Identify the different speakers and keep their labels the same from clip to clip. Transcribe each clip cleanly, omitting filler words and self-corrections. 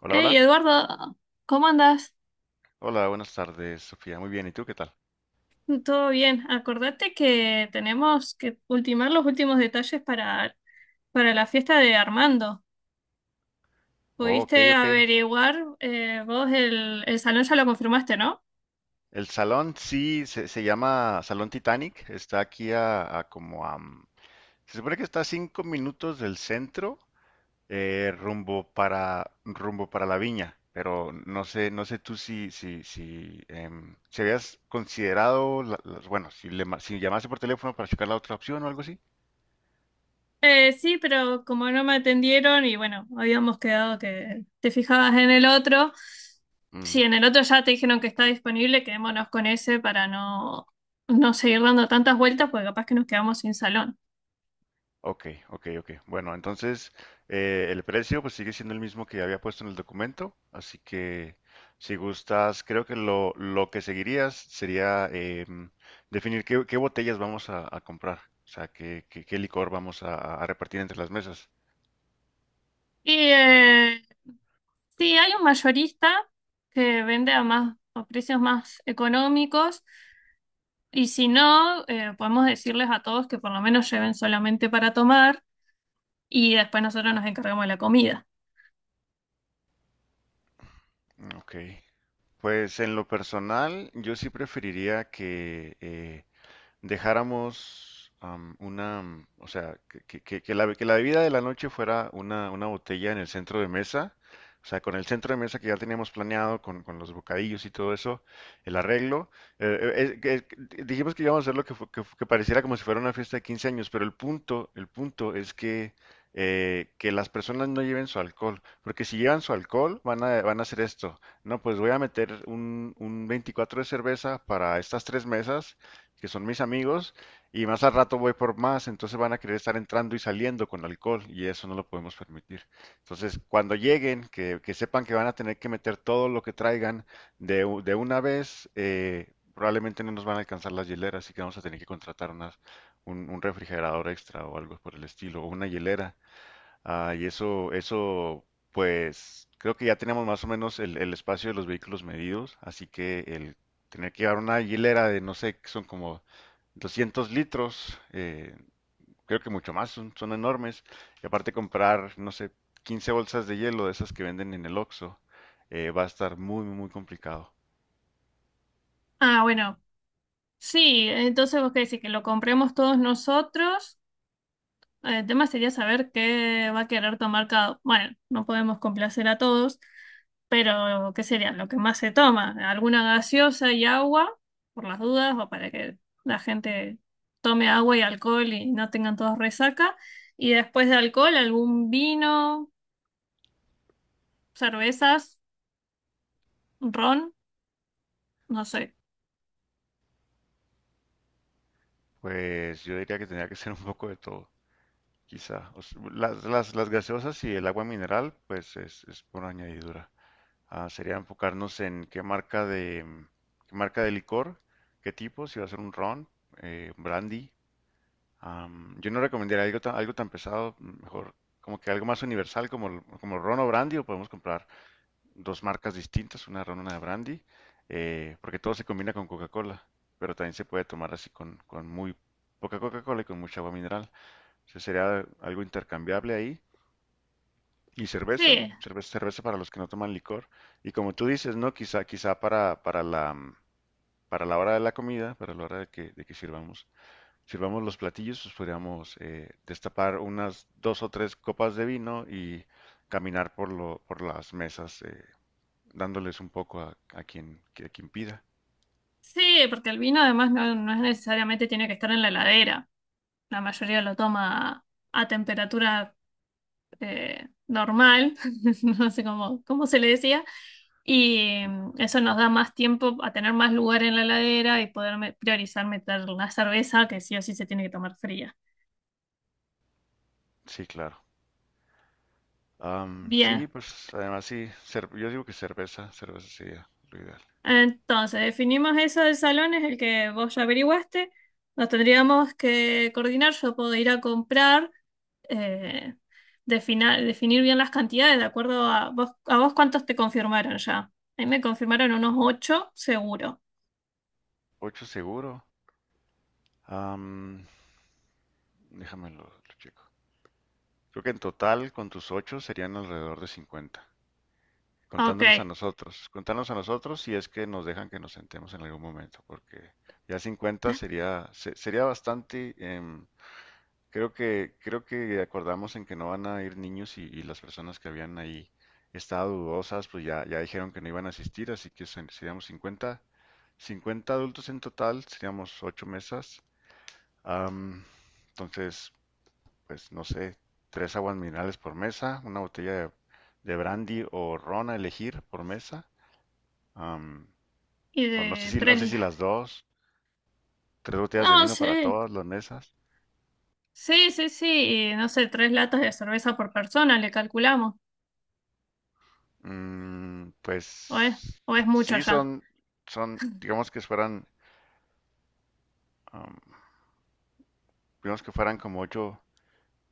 Speaker 1: Hola,
Speaker 2: Hey,
Speaker 1: hola.
Speaker 2: Eduardo, ¿cómo andas?
Speaker 1: Hola, buenas tardes, Sofía. Muy bien, ¿y tú qué tal?
Speaker 2: ¿Todo bien? Acordate que tenemos que ultimar los últimos detalles para la fiesta de Armando.
Speaker 1: Oh, ok,
Speaker 2: ¿Pudiste
Speaker 1: ok.
Speaker 2: averiguar? Vos el salón ya lo confirmaste, ¿no?
Speaker 1: El salón sí se llama Salón Titanic. Está aquí a como a... mm, Se supone que está a 5 minutos del centro, rumbo para la viña. Pero no sé tú si habías considerado, bueno, si llamase por teléfono para checar la otra opción o algo así.
Speaker 2: Sí, pero como no me atendieron y bueno, habíamos quedado que te fijabas en el otro. Si
Speaker 1: Mm.
Speaker 2: en el otro ya te dijeron que está disponible, quedémonos con ese para no, no seguir dando tantas vueltas porque capaz que nos quedamos sin salón.
Speaker 1: Ok, ok, ok. Bueno, entonces el precio pues sigue siendo el mismo que había puesto en el documento, así que si gustas, creo que lo que seguirías sería definir qué botellas vamos a comprar, o sea, qué licor vamos a repartir entre las mesas.
Speaker 2: Y sí, hay un mayorista que vende a más a precios más económicos y si no, podemos decirles a todos que por lo menos lleven solamente para tomar y después nosotros nos encargamos de la comida.
Speaker 1: Ok. Pues en lo personal, yo sí preferiría que dejáramos, o sea, que la bebida de la noche fuera una botella en el centro de mesa, o sea, con el centro de mesa que ya teníamos planeado, con los bocadillos y todo eso, el arreglo. eh, eh, eh, que- Dijimos que íbamos a hacer lo que, fu- que, fu- que pareciera como si fuera una fiesta de 15 años, pero el punto es que las personas no lleven su alcohol, porque si llevan su alcohol van a hacer esto. No, pues voy a meter un 24 de cerveza para estas tres mesas que son mis amigos, y más al rato voy por más, entonces van a querer estar entrando y saliendo con alcohol, y eso no lo podemos permitir. Entonces, cuando lleguen, que sepan que van a tener que meter todo lo que traigan de una vez, probablemente no nos van a alcanzar las hieleras, así que vamos a tener que contratar unas, un refrigerador extra o algo por el estilo, o una hielera. Ah, y pues creo que ya tenemos más o menos el espacio de los vehículos medidos, así que el tener que llevar una hilera de, no sé, que son como 200 litros, creo que mucho más, son enormes. Y aparte comprar, no sé, 15 bolsas de hielo de esas que venden en el Oxxo, va a estar muy, muy, muy complicado.
Speaker 2: Ah, bueno, sí, entonces vos qué decís, que lo compremos todos nosotros. El tema sería saber qué va a querer tomar cada. Bueno, no podemos complacer a todos, pero ¿qué sería lo que más se toma? ¿Alguna gaseosa y agua, por las dudas, o para que la gente tome agua y alcohol y no tengan todos resaca? Y después de alcohol, algún vino, cervezas, ron, no sé.
Speaker 1: Pues yo diría que tendría que ser un poco de todo, quizá. O s- las gaseosas y el agua mineral, pues es por añadidura. Ah, sería enfocarnos en qué marca de licor, qué tipo, si va a ser un ron, un brandy. Yo no recomendaría algo tan pesado, mejor como que algo más universal como el ron o brandy, o podemos comprar dos marcas distintas, una de ron, una de brandy, porque todo se combina con Coca-Cola, pero también se puede tomar así con muy poca Coca-Cola y con mucha agua mineral. O sea, sería algo intercambiable ahí. Y cerveza,
Speaker 2: Sí,
Speaker 1: cerveza, cerveza para los que no toman licor. Y como tú dices, ¿no? Quizá para la hora de la comida, para la hora de que sirvamos, sirvamos los platillos, pues podríamos destapar unas dos o tres copas de vino y caminar por las mesas, dándoles un poco a quien, a quien pida.
Speaker 2: sí, porque el vino además no, no es necesariamente tiene que estar en la heladera. La mayoría lo toma a temperatura normal, no sé cómo se le decía, y eso nos da más tiempo a tener más lugar en la heladera y poder priorizar meter la cerveza que sí o sí se tiene que tomar fría.
Speaker 1: Sí, claro. Sí,
Speaker 2: Bien,
Speaker 1: pues además sí, yo digo que cerveza sería lo ideal.
Speaker 2: entonces definimos eso del salón, es el que vos ya averiguaste. Nos tendríamos que coordinar, yo puedo ir a comprar, eh, definir bien las cantidades, de acuerdo a vos cuántos te confirmaron ya. A mí me confirmaron unos ocho, seguro.
Speaker 1: Ocho seguro. Am, Déjamelo, lo checo. Creo que en total con tus ocho serían alrededor de 50, contándonos a
Speaker 2: Ok.
Speaker 1: nosotros. Contándonos a nosotros si es que nos dejan que nos sentemos en algún momento, porque ya 50 sería, sería bastante. Creo que acordamos en que no van a ir niños y las personas que habían ahí estado dudosas, pues ya dijeron que no iban a asistir, así que seríamos 50, 50 adultos en total, seríamos ocho mesas. Am, entonces, pues no sé, tres aguas minerales por mesa, una botella de brandy o ron a elegir por mesa. am,
Speaker 2: Y
Speaker 1: o no sé
Speaker 2: de
Speaker 1: si, no
Speaker 2: tres...
Speaker 1: sé
Speaker 2: la-
Speaker 1: si las dos, tres botellas
Speaker 2: No,
Speaker 1: de vino
Speaker 2: sí.
Speaker 1: para todas las mesas.
Speaker 2: Sí, sí, sí. Y no sé, tres latas de cerveza por persona, le calculamos.
Speaker 1: Mm,
Speaker 2: O es,
Speaker 1: pues
Speaker 2: o es mucho
Speaker 1: sí
Speaker 2: ya.
Speaker 1: digamos que fueran, am, digamos que fueran como ocho.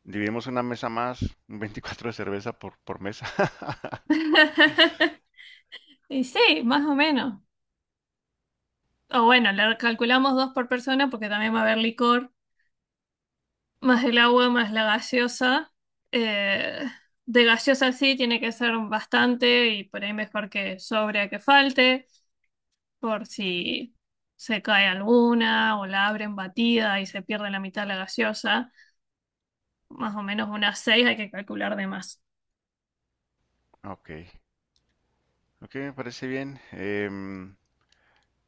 Speaker 1: Dividimos una mesa más, un 24 de cerveza por mesa.
Speaker 2: Y sí, más o menos. O bueno, le calculamos dos por persona porque también va a haber licor, más el agua, más la gaseosa. Eh, de gaseosa sí, tiene que ser bastante y por ahí mejor que sobre a que falte, por si se cae alguna o la abren batida y se pierde la mitad de la gaseosa. Más o menos unas seis, hay que calcular de más.
Speaker 1: Ok, ok, me parece bien.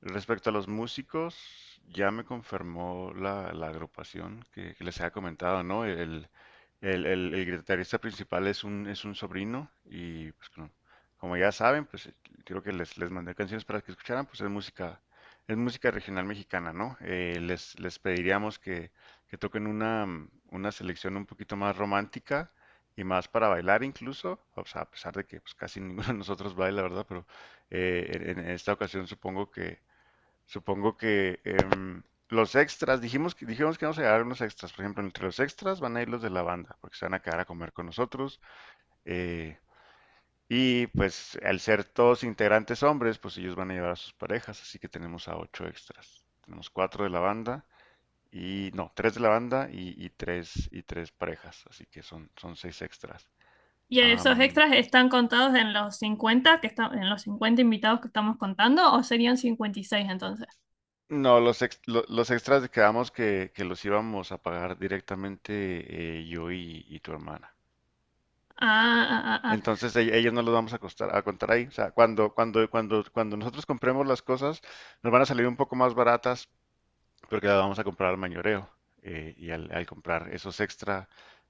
Speaker 1: Respecto a los músicos, ya me confirmó la agrupación que les había comentado, ¿no? El guitarrista principal es un sobrino y pues como, como ya saben, pues creo que les mandé canciones para que escucharan, pues es música regional mexicana, ¿no? Les pediríamos que toquen una selección un poquito más romántica y más para bailar incluso, o sea, a pesar de que pues, casi ninguno de nosotros baila, ¿verdad? Pero en esta ocasión supongo que Supongo que em, los extras, dijimos que vamos a llevar unos extras. Por ejemplo, entre los extras van a ir los de la banda, porque se van a quedar a comer con nosotros. eh, y pues al ser todos integrantes hombres, pues ellos van a llevar a sus parejas, así que tenemos a ocho extras. Tenemos cuatro de la banda y no, tres de la banda y tres y tres parejas, así que son seis extras.
Speaker 2: Y esos
Speaker 1: Am,
Speaker 2: extras están contados en los 50 invitados que estamos contando, o serían 56 entonces.
Speaker 1: no, los extras quedamos que los íbamos a pagar directamente, yo y tu hermana.
Speaker 2: Ah, ah, ah, ah.
Speaker 1: Entonces ellos no los vamos a contar ahí. O sea, cuando, nosotros compremos las cosas, nos van a salir un poco más baratas porque las vamos a comprar al mayoreo. Y al comprar esos extra,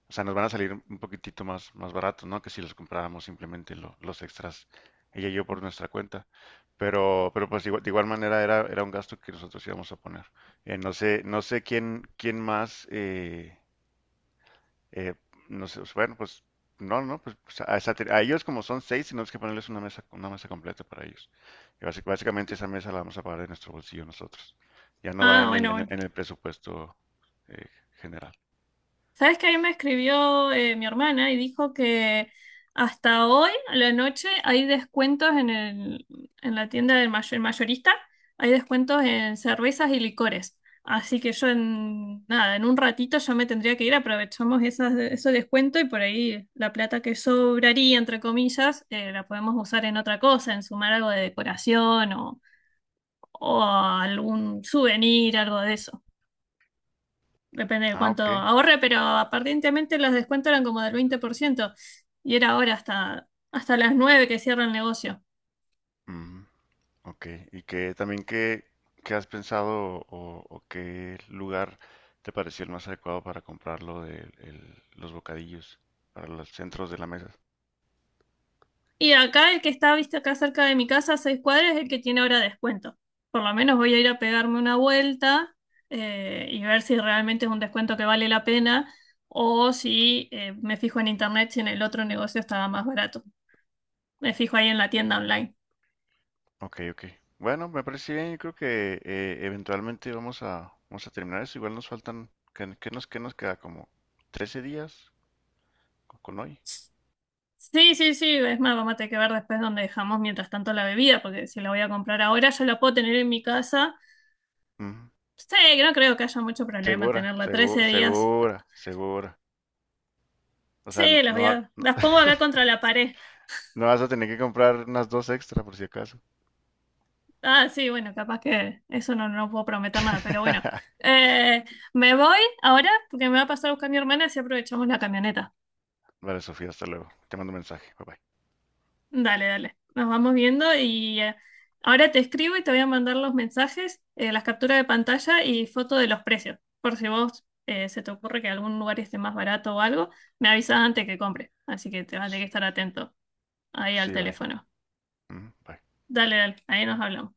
Speaker 1: o sea, nos van a salir un poquitito más, más baratos, ¿no? Que si los compráramos simplemente los extras, ella y yo por nuestra cuenta. Pero, pues de igual manera era un gasto que nosotros íbamos a poner. No sé quién más. Eh, no sé, pues, bueno, pues no, no, a ellos como son seis, tenemos que ponerles una mesa completa para ellos. Y básicamente esa mesa la vamos a pagar de nuestro bolsillo nosotros. Ya no va
Speaker 2: Ah,
Speaker 1: en el,
Speaker 2: bueno, bueno.
Speaker 1: presupuesto, eh, general.
Speaker 2: Sabes que ahí me escribió mi hermana y dijo que hasta hoy, a la noche, hay descuentos en la tienda del mayorista, hay descuentos en cervezas y licores. Así que yo en nada, en un ratito yo me tendría que ir, aprovechamos ese descuento y por ahí la plata que sobraría, entre comillas, la podemos usar en otra cosa, en sumar algo de decoración o algún souvenir, algo de eso depende de
Speaker 1: Ah,
Speaker 2: cuánto
Speaker 1: ok.
Speaker 2: ahorre, pero aparentemente los descuentos eran como del 20%. Y era ahora hasta las 9 que cierra el negocio.
Speaker 1: Ujú, ok. Y qué has pensado, o qué lugar te pareció el más adecuado para comprarlo de los bocadillos para los centros de la mesa.
Speaker 2: Y acá el que está, viste, acá cerca de mi casa, a 6 cuadras, es el que tiene ahora descuento. Por lo menos voy a ir a pegarme una vuelta y ver si realmente es un descuento que vale la pena o si me fijo en internet si en el otro negocio estaba más barato. Me fijo ahí en la tienda online.
Speaker 1: Ok, ok. Bueno, me parece bien. Yo creo que eventualmente vamos a terminar eso. Igual nos faltan, ¿qué nos queda? Como 13 días con hoy.
Speaker 2: Sí, sí, sí, es más, vamos a tener que ver después dónde dejamos mientras tanto la bebida, porque si la voy a comprar ahora, yo la puedo tener en mi casa.
Speaker 1: Ujú.
Speaker 2: Sí, no creo que haya mucho problema
Speaker 1: Segura,
Speaker 2: tenerla 13 días.
Speaker 1: segura. O sea,
Speaker 2: Sí,
Speaker 1: no, no,
Speaker 2: las pongo acá contra la pared.
Speaker 1: no vas a tener que comprar unas dos extra por si acaso.
Speaker 2: Ah, sí, bueno, capaz que eso no, no puedo prometer nada, pero bueno. Eh, Me voy ahora porque me va a pasar a buscar mi hermana y si aprovechamos la camioneta.
Speaker 1: Vale, Sofía, hasta luego. Te mando un mensaje. Bye bye.
Speaker 2: Dale, dale. Nos vamos viendo y ahora te escribo y te voy a mandar los mensajes, las capturas de pantalla y foto de los precios. Por si vos se te ocurre que algún lugar esté más barato o algo, me avisas antes que compre. Así que te vas a tener que estar atento ahí al
Speaker 1: Sí, bye.
Speaker 2: teléfono.
Speaker 1: Ujú, bye.
Speaker 2: Dale, dale. Ahí nos hablamos.